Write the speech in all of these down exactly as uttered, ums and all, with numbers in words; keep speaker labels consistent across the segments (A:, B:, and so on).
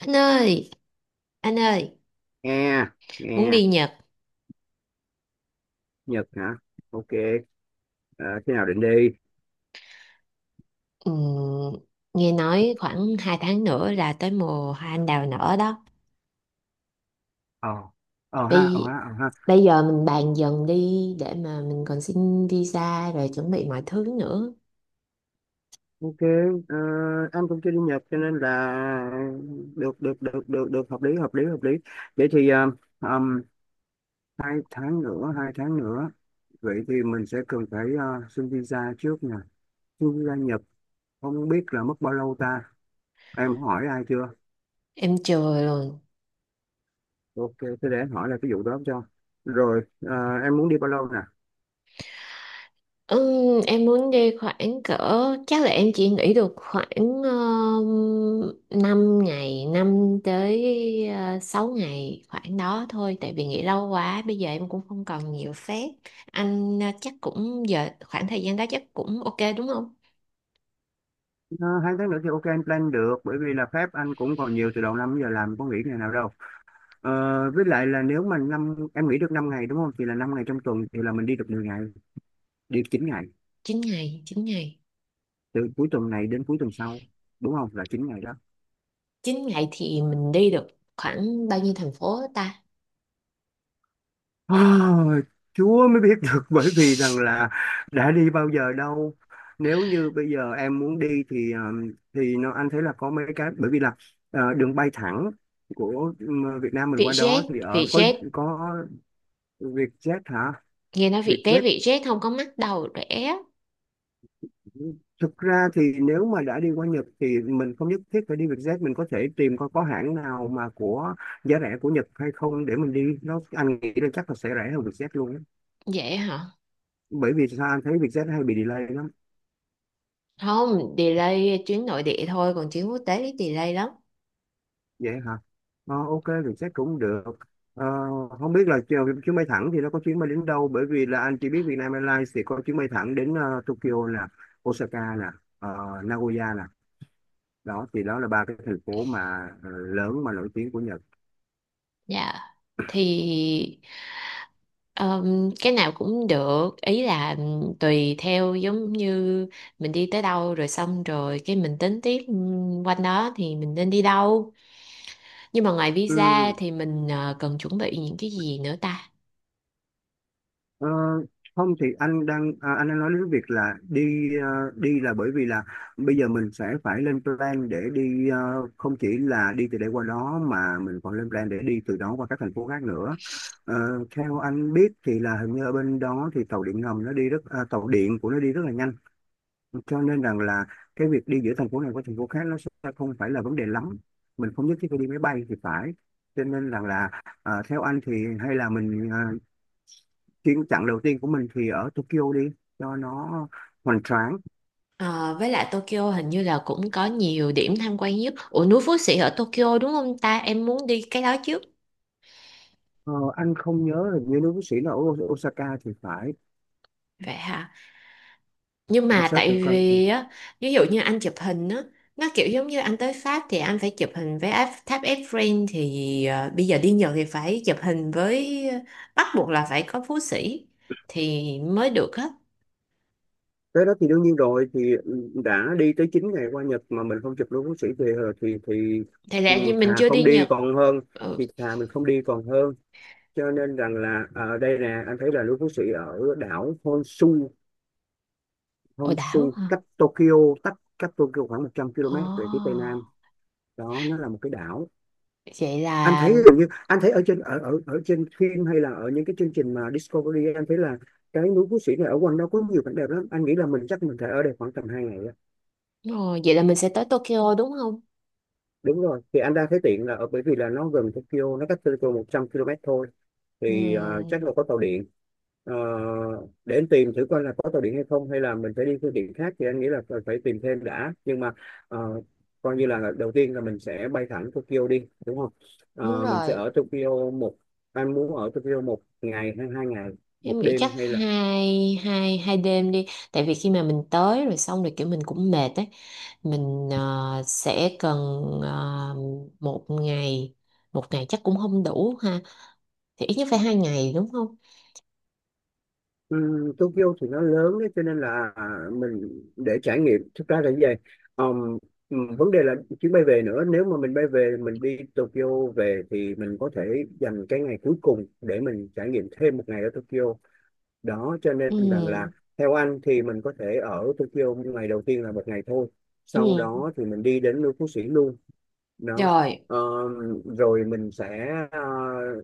A: Anh ơi, anh ơi,
B: Nghe
A: muốn
B: nghe
A: đi Nhật.
B: Nhật hả? Ok. ờ, Khi nào định đi?
A: Ừm, Nghe nói khoảng hai tháng nữa là tới mùa hoa anh đào nở đó.
B: ờ ờ ha ờ
A: Bây,
B: ha ờ ha
A: bây giờ mình bàn dần đi để mà mình còn xin visa rồi chuẩn bị mọi thứ nữa.
B: Ok. ờ, anh cũng chưa đi Nhật cho nên là được, được, được, được, được, hợp lý, hợp lý, hợp lý. Vậy thì ờ, ừm, hai tháng nữa, hai tháng nữa, vậy thì mình sẽ cần phải ờ, xin visa trước nè, xin visa Nhật. Không biết là mất bao lâu ta? Em hỏi ai chưa?
A: Em chừa rồi.
B: Ok, thế để em hỏi là cái vụ đó cho. Rồi ờ, em muốn đi bao lâu?
A: Ừm, em muốn đi khoảng cỡ, chắc là em chỉ nghỉ được khoảng um, năm ngày năm tới, uh, sáu ngày khoảng đó thôi, tại vì nghỉ lâu quá bây giờ em cũng không còn nhiều phép. Anh uh, chắc cũng giờ khoảng thời gian đó chắc cũng ok đúng không?
B: Ờ, hai tháng nữa thì ok, anh plan được, bởi vì là phép anh cũng còn nhiều, từ đầu năm giờ làm có nghỉ ngày nào đâu. Ờ, với lại là nếu mà năm em nghỉ được năm ngày đúng không, thì là năm ngày trong tuần thì là mình đi được mười ngày, đi chín ngày,
A: Chín ngày chín ngày
B: từ cuối tuần này đến cuối tuần sau, đúng không, là chín ngày đó.
A: chín ngày thì mình đi được khoảng bao nhiêu thành phố ta?
B: Ôi, Chúa mới biết được, bởi vì rằng là đã đi bao giờ đâu. Nếu như bây giờ em muốn đi thì ờ, thì nó anh thấy là có mấy cái, bởi vì là ờ, đường bay thẳng của ừ, Việt Nam mình qua đó thì
A: Vietjet
B: ở có.
A: Vietjet
B: Có Vietjet hả?
A: nghe nói Vietjet
B: Vietjet.
A: Vietjet không có mắc đầu rẻ.
B: Thực ra thì nếu mà đã đi qua Nhật thì mình không nhất thiết phải đi Vietjet, mình có thể tìm coi có hãng nào mà của giá rẻ của Nhật hay không để mình đi, nó anh nghĩ là chắc là sẽ rẻ hơn Vietjet luôn á.
A: Vậy hả?
B: Bởi vì sao? Anh thấy Vietjet hay bị delay lắm.
A: Không delay, chuyến nội địa thôi, còn chuyến quốc tế thì delay lắm.
B: Vậy hả? Ờ, ok Vietjet cũng được. Ờ, không biết là chiều- chuyến bay thẳng thì nó có chuyến bay đến đâu, bởi vì là anh chỉ biết Vietnam Airlines thì có chuyến bay thẳng đến ờ, Tokyo nè, Osaka nè, ờ, Nagoya nè. Đó thì đó là ba cái thành phố mà ờ, lớn mà nổi tiếng của Nhật.
A: Dạ, thì ừm, cái nào cũng được, ý là tùy theo, giống như mình đi tới đâu rồi xong rồi cái mình tính tiếp ừm, quanh đó thì mình nên đi đâu. Nhưng mà ngoài visa
B: Ừ,
A: thì mình ờ, cần chuẩn bị những cái gì nữa ta?
B: Ờ, không thì anh đang à, anh đang nói đến việc là đi ờ, đi là bởi vì là bây giờ mình sẽ phải lên plan để đi, ờ, không chỉ là đi từ đây qua đó mà mình còn lên plan để đi từ đó qua các thành phố khác nữa. Ờ, theo anh biết thì là hình như ở bên đó thì tàu điện ngầm nó đi rất à, tàu điện của nó đi rất là nhanh, cho nên rằng là cái việc đi giữa thành phố này qua thành phố khác nó sẽ không phải là vấn đề lắm, mình không nhất thiết phải đi máy bay thì phải. Cho nên rằng là à, theo anh thì hay là mình ờ, chuyến chặng đầu tiên của mình thì ở Tokyo đi cho nó hoành tráng.
A: Ờ, với lại Tokyo hình như là cũng có nhiều điểm tham quan nhất. Ủa, núi Phú Sĩ ở Tokyo đúng không ta? Em muốn đi cái đó trước.
B: ờ, anh không nhớ là như nước bác sĩ là ở Osaka thì phải.
A: Vậy hả? Nhưng
B: Cảnh
A: mà
B: sát thử
A: tại
B: coi. Ừ.
A: vì á, ví dụ như anh chụp hình á, nó kiểu giống như anh tới Pháp thì anh phải chụp hình với Áp- tháp Eiffel, thì ờ, bây giờ đi Nhật thì phải chụp hình với ờ, bắt buộc là phải có Phú Sĩ thì mới được á.
B: Tới đó thì đương nhiên rồi thì đã đi tới chín ngày qua Nhật mà mình không chụp luôn bác sĩ về rồi thì thì
A: Thì
B: Ừ,
A: ra như
B: thà
A: mình chưa đi
B: không đi
A: Nhật.
B: còn hơn,
A: Ừ,
B: thì thà mình không đi còn hơn. Cho nên rằng là ở đây nè anh thấy là núi Phú Sĩ ở đảo Honshu.
A: ồ đảo
B: Honshu
A: hả?
B: cách Tokyo, cách cách Tokyo khoảng 100
A: Ồ,
B: km về phía tây nam. Đó, nó là một cái đảo.
A: vậy
B: Anh
A: là
B: thấy gần như anh thấy ở trên ở ở ở trên phim hay là ở những cái chương trình mà Discovery, anh thấy là cái núi Phú Sĩ này ở quanh đó có nhiều cảnh đẹp lắm, anh nghĩ là mình chắc mình phải ở đây khoảng tầm hai ngày á.
A: Ồ, vậy là mình sẽ tới Tokyo đúng không?
B: Đúng rồi, thì anh đang thấy tiện là ở bởi vì là nó gần Tokyo, nó cách Tokyo một trăm ki lô mét thôi, thì à,
A: Ừ,
B: chắc là có tàu điện. Ờ, để anh tìm thử coi là có tàu điện hay không, hay là mình phải đi phương tiện khác, thì anh nghĩ là phải phải tìm thêm đã, nhưng mà ờ, coi như là đầu tiên là mình sẽ bay thẳng Tokyo đi đúng không.
A: đúng
B: Ờ, mình sẽ
A: rồi.
B: ở Tokyo một... Anh muốn ở Tokyo một ngày hay hai ngày, một
A: Em nghĩ chắc
B: đêm hay là...
A: hai hai hai đêm đi, tại vì khi mà mình tới rồi xong rồi kiểu mình cũng mệt ấy, mình ờ, sẽ cần ờ, một ngày, một ngày chắc cũng không đủ ha, thì ít nhất phải hai ngày đúng không?
B: Ừm, Tokyo thì nó lớn đấy cho nên là à, mình để trải nghiệm thực ra là như vậy. Ờm, ừm, vấn đề là chuyến bay về nữa, nếu mà mình bay về, mình đi Tokyo về thì mình có thể dành cái ngày cuối cùng để mình trải nghiệm thêm một ngày ở Tokyo đó. Cho nên rằng
A: Ừ,
B: là theo anh thì mình có thể ở Tokyo ngày đầu tiên là một ngày thôi, sau
A: ừ,
B: đó thì mình đi đến Lưu Phú Sĩ luôn. Đó.
A: rồi,
B: Ờ, rồi mình sẽ ờ,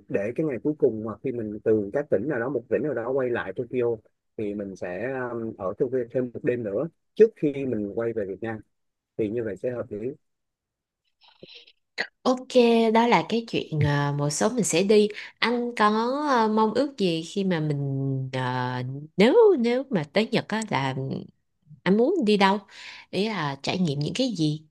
B: để cái ngày cuối cùng, hoặc khi mình từ các tỉnh nào đó, một tỉnh nào đó quay lại Tokyo, thì mình sẽ ờ, ở Tokyo thêm một đêm nữa trước khi mình quay về Việt Nam, thì như vậy sẽ hợp lý.
A: ok, đó là cái chuyện ờ, một số mình sẽ đi. Anh có ờ, mong ước gì khi mà mình ờ, nếu nếu mà tới Nhật á, là anh muốn đi đâu? Ý là trải nghiệm những cái gì?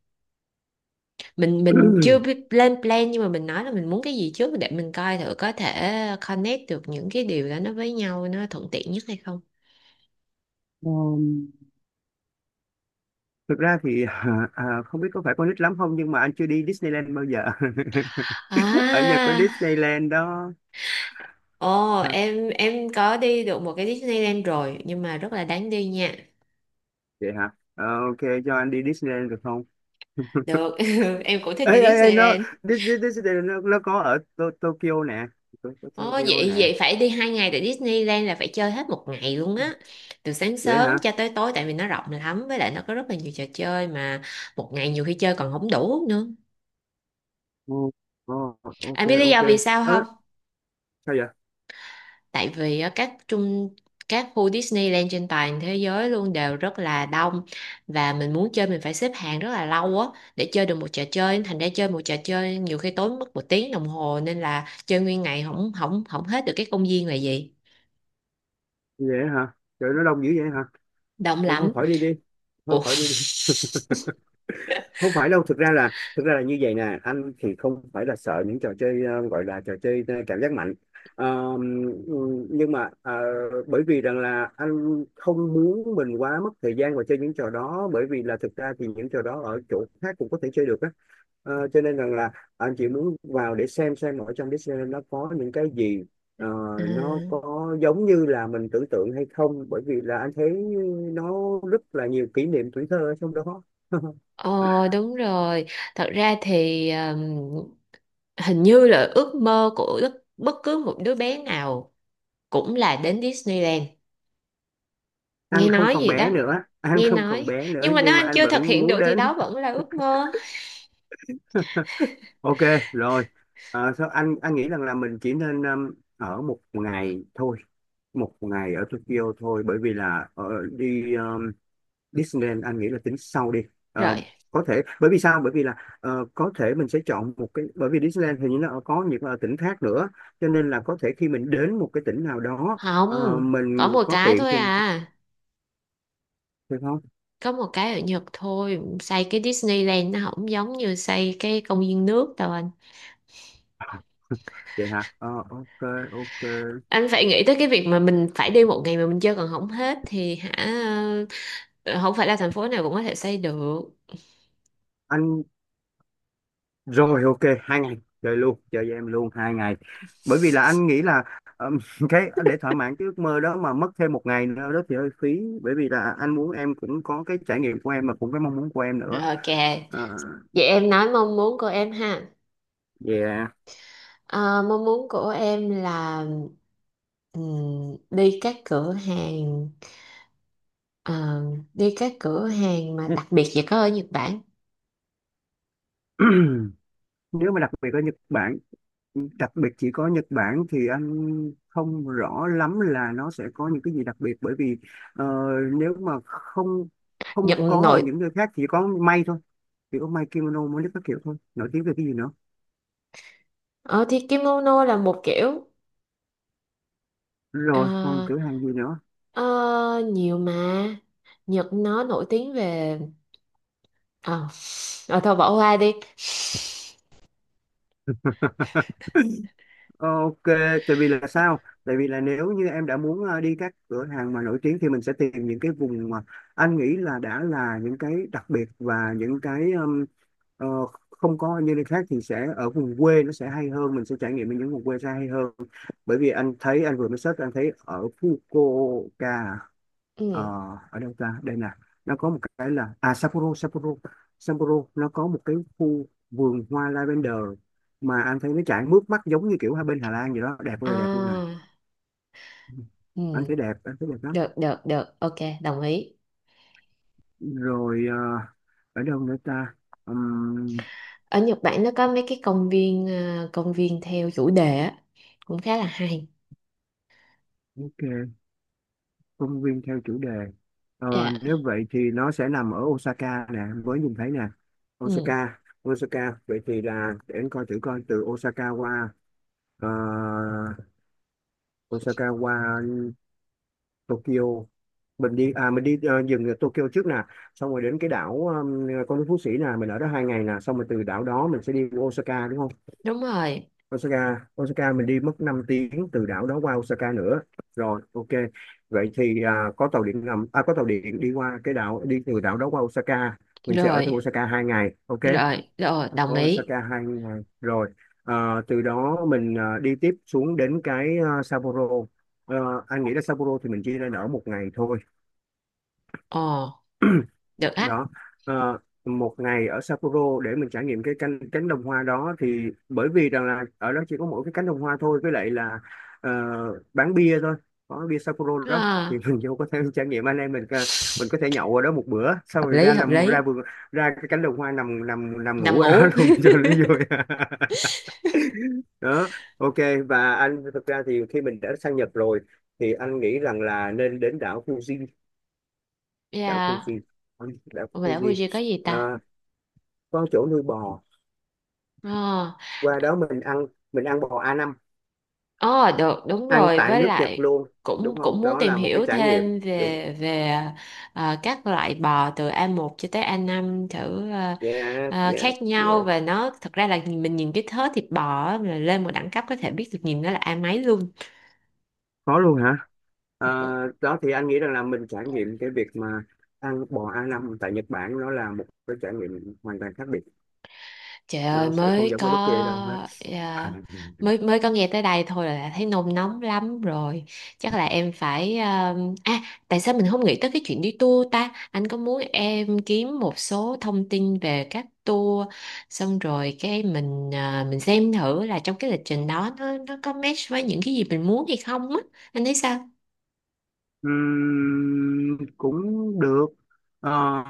A: mình mình chưa biết lên plan nhưng mà mình nói là mình muốn cái gì trước, để mình coi thử có thể connect được những cái điều đó nó với nhau nó thuận tiện nhất hay không.
B: Ờ, thực ra thì à, à, không biết có phải con nít lắm không nhưng mà anh chưa đi Disneyland bao giờ. Ở Nhật có
A: À,
B: Disneyland đó.
A: ồ, em em có đi được một cái Disneyland rồi, nhưng mà rất là đáng đi nha.
B: Vậy hả? Ờ, ok. Cho anh đi Disneyland được không?
A: Được, em cũng thích
B: Ê
A: đi
B: ê ê, nó...
A: Disneyland.
B: Dis- Dis- Disneyland nó, nó có ở To- Tokyo nè. To- To-
A: Ồ
B: Tokyo
A: vậy,
B: nè.
A: vậy phải đi hai ngày, tại Disneyland là phải chơi hết một ngày luôn á, từ sáng
B: Vậy
A: sớm
B: hả?
A: cho tới tối, tại vì nó rộng lắm, với lại nó có rất là nhiều trò chơi mà. Một ngày nhiều khi chơi còn không đủ nữa.
B: Ồ, ồ, ok
A: Anh biết lý
B: ok.
A: do vì sao không?
B: Ơ, sao vậy?
A: Tại vì á, các trung các khu Disneyland trên toàn thế giới luôn đều rất là đông, và mình muốn chơi mình phải xếp hàng rất là lâu á, để chơi được một trò chơi, thành ra chơi một trò chơi nhiều khi tốn mất một tiếng đồng hồ, nên là chơi nguyên ngày không không không hết được cái công viên là gì.
B: Vậy hả? Trời, nó đông dữ vậy hả?
A: Đông
B: Ê, thôi
A: lắm.
B: khỏi đi đi, thôi
A: Ủa?
B: khỏi đi. Không phải đâu, thực ra là, thực ra là như vậy nè, anh thì không phải là sợ những trò chơi, ờ, gọi là trò chơi ờ, cảm giác mạnh. Ờ, nhưng mà ờ, bởi vì rằng là anh không muốn mình quá mất thời gian vào chơi những trò đó, bởi vì là thực ra thì những trò đó ở chỗ khác cũng có thể chơi được á. Ờ, cho nên rằng là anh chỉ muốn vào để xem xem ở trong Disneyland nó có những cái gì, ờ,
A: Ừ.
B: nó có giống như là mình tưởng tượng hay không, bởi vì là anh thấy nó rất là nhiều kỷ niệm tuổi thơ ở trong đó.
A: Ờ, đúng rồi, thật ra thì um, hình như là ước mơ của bất, bất cứ một đứa bé nào cũng là đến Disneyland.
B: Anh
A: Nghe
B: không
A: nói
B: còn
A: gì
B: bé
A: đó,
B: nữa, anh
A: nghe
B: không còn
A: nói.
B: bé nữa,
A: Nhưng mà nếu
B: nhưng mà
A: anh
B: anh
A: chưa thực
B: vẫn
A: hiện
B: muốn
A: được thì
B: đến.
A: đó vẫn là ước mơ.
B: Ok, rồi. Ờ, sao anh anh nghĩ rằng là mình chỉ nên um, ở một ngày thôi, một ngày ở Tokyo thôi, bởi vì là ờ, đi um, Disneyland anh nghĩ là tính sau đi. Ờ,
A: Rồi,
B: có thể, bởi vì sao, bởi vì là ờ, có thể mình sẽ chọn một cái, bởi vì Disneyland hình như nó có những ờ, tỉnh khác nữa, cho nên là có thể khi mình đến một cái tỉnh nào đó, ờ,
A: không có
B: mình
A: một
B: có
A: cái
B: tiện
A: thôi
B: thì mình
A: à?
B: thì thôi.
A: Có một cái ở Nhật thôi, xây cái Disneyland nó không giống như xây cái công viên nước đâu anh.
B: Vậy hả? Ờ, ok ok.
A: Anh phải nghĩ tới cái việc mà mình phải đi một ngày mà mình chơi còn không hết thì hả, ờ, không phải là thành phố nào cũng có thể xây được.
B: Anh... Rồi ok, hai ngày chơi luôn, chơi với em luôn hai ngày. Bởi vì là anh nghĩ là ừm, cái để thỏa mãn cái ước mơ đó mà mất thêm một ngày nữa đó thì hơi phí. Bởi vì là anh muốn em cũng có cái trải nghiệm của em mà cũng cái mong muốn của em nữa.
A: Ok,
B: À,
A: vậy em nói mong muốn của em ha.
B: yeah.
A: Ờ, mong muốn của em là ừm, đi các cửa hàng. Ờ, đi các cửa hàng mà đặc biệt chỉ có ở Nhật Bản.
B: Nếu mà đặc biệt ở Nhật Bản, đặc biệt chỉ có Nhật Bản thì anh không rõ lắm là nó sẽ có những cái gì đặc biệt. Bởi vì ờ, nếu mà không không
A: Nhật
B: có ở
A: nội,
B: những nơi khác, chỉ có may thôi, chỉ có may kimono mới các kiểu thôi. Nổi tiếng về cái gì nữa?
A: ờ, thì kimono là một kiểu, ờ,
B: Rồi còn cửa hàng gì nữa?
A: ờ, nhiều mà, Nhật nó nổi tiếng về ờ, ờ, thôi bỏ qua đi.
B: Ờ, ok, tại vì là sao, tại vì là nếu như em đã muốn ờ, đi các cửa hàng mà nổi tiếng thì mình sẽ tìm những cái vùng mà anh nghĩ là đã là những cái đặc biệt và những cái ừm, ờ, không có như nơi khác thì sẽ ở vùng quê nó sẽ hay hơn, mình sẽ trải nghiệm ở những vùng quê sẽ hay hơn, bởi vì anh thấy anh vừa mới search anh thấy ở Fukuoka, ờ,
A: Ừ.
B: ở đâu ta đây nè, nó có một cái là à Sapporo. Sapporo, Sapporo nó có một cái khu vườn hoa lavender mà anh thấy nó chảy mướt mắt giống như kiểu hai bên Hà Lan vậy đó, đẹp ơi là đẹp luôn nè.
A: À.
B: Anh
A: Ừ.
B: thấy đẹp, anh thấy đẹp lắm.
A: Được được được, ok, đồng ý.
B: Rồi ờ, ở đâu nữa ta? Ừm,
A: Ở Nhật Bản nó có mấy cái công viên, ờ, công viên theo chủ đề á, cũng khá là hay.
B: ok, công viên theo chủ đề. Ờ,
A: Dạ.
B: nếu vậy thì nó sẽ nằm ở Osaka nè với nhìn thấy nè.
A: Ừ.
B: Osaka, Osaka, vậy thì là để anh coi thử coi từ Osaka qua ờ, Osaka qua Tokyo, mình đi à mình đi ờ, dừng ở Tokyo trước nè, xong rồi đến cái đảo um, Con nước Phú Sĩ nè, mình ở đó hai ngày nè, xong rồi từ đảo đó mình sẽ đi Osaka đúng không.
A: Đúng rồi.
B: Osaka, Osaka mình đi mất năm tiếng từ đảo đó qua Osaka nữa. Rồi ok. Vậy thì à, có tàu điện ngầm, à có tàu điện đi qua cái đảo, đi từ đảo đó qua Osaka, mình sẽ ở thêm
A: Rồi
B: Osaka hai ngày, ok.
A: rồi rồi, đồng ý.
B: Osaka hai ngày. Rồi. Ờ, từ đó mình ờ, đi tiếp xuống đến cái ờ, Sapporo. Ờ, anh nghĩ là Sapporo thì mình chỉ nên ở một ngày thôi.
A: Ồ, được á.
B: Đó. Ờ, một ngày ở Sapporo để mình trải nghiệm cái cánh cánh đồng hoa đó, thì bởi vì rằng là ở đó chỉ có mỗi cái cánh đồng hoa thôi, với lại là ờ, bán bia thôi, có bia Sapporo đó
A: Ờ,
B: thì mình vô có thể trải nghiệm anh em mình, ờ, mình có thể nhậu ở đó một bữa, xong
A: hợp
B: rồi
A: lý,
B: ra
A: hợp
B: nằm ra
A: lý.
B: vườn, ra cái cánh đồng hoa nằm nằm nằm
A: Nằm
B: ngủ ở đó
A: ngủ.
B: luôn cho nó vui. Đó, ok. Và anh thực ra thì khi mình đã sang Nhật rồi thì anh nghĩ rằng là nên đến đảo Fuji. Đảo
A: Dạ.
B: Fuji. Ừ, đảo
A: Mà đảo
B: Fuji.
A: Fuji có gì ta?
B: À, có chỗ nuôi bò,
A: Ờ,
B: qua đó mình ăn, mình ăn bò a năm
A: ờ, được, đúng
B: ăn
A: rồi.
B: tại
A: Với
B: nước Nhật
A: lại
B: luôn,
A: cũng
B: đúng không,
A: cũng muốn
B: đó
A: tìm
B: là một cái
A: hiểu
B: trải nghiệm.
A: thêm
B: Đúng.
A: về về ờ, các loại bò từ a một cho tới a năm thử, ờ,
B: Yeah,
A: ờ,
B: yeah,
A: khác nhau,
B: yeah.
A: và nó thật ra là mình nhìn cái thớ thịt bò á, là lên một đẳng cấp có thể biết được, nhìn nó là A mấy luôn.
B: Có luôn hả? À, đó thì anh nghĩ rằng là mình trải nghiệm cái việc mà ăn bò a năm tại Nhật Bản nó là một cái trải nghiệm hoàn toàn khác biệt,
A: Trời ơi,
B: nó sẽ không
A: mới
B: giống
A: có
B: ở bất kỳ ở đâu hết. À,
A: à, mới mới có nghe tới đây thôi là thấy nôn nóng lắm rồi. Chắc là em phải à, à, tại sao mình không nghĩ tới cái chuyện đi tour ta? Anh có muốn em kiếm một số thông tin về các tour, xong rồi cái mình à, mình xem thử là trong cái lịch trình đó nó nó có match với những cái gì mình muốn hay không á. Anh thấy sao?
B: ừm, cũng được. Ờ,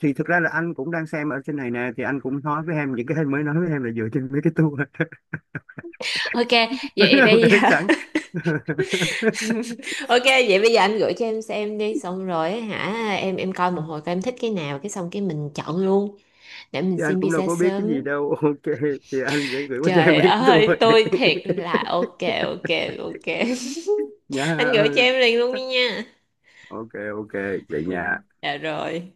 B: thì thực ra là anh cũng đang xem ở trên này nè thì anh cũng nói với em những cái anh mới nói với em là dựa trên mấy cái tour.
A: Ok, vậy bây
B: Em
A: giờ
B: sẵn.
A: ok vậy bây giờ anh gửi cho em xem đi, xong rồi á hả em, em coi một hồi coi em thích cái nào, cái xong cái mình chọn luôn, để mình
B: Thì anh
A: xin
B: cũng đâu
A: visa
B: có biết cái
A: sớm.
B: gì đâu. Ok, thì anh sẽ gửi qua cho em
A: Trời
B: mấy cái tour
A: ơi
B: này.
A: tôi thiệt là, ok ok ok, anh
B: Nha,
A: gửi cho em liền luôn đi nha.
B: ok, ok, vậy nha.
A: Dạ rồi.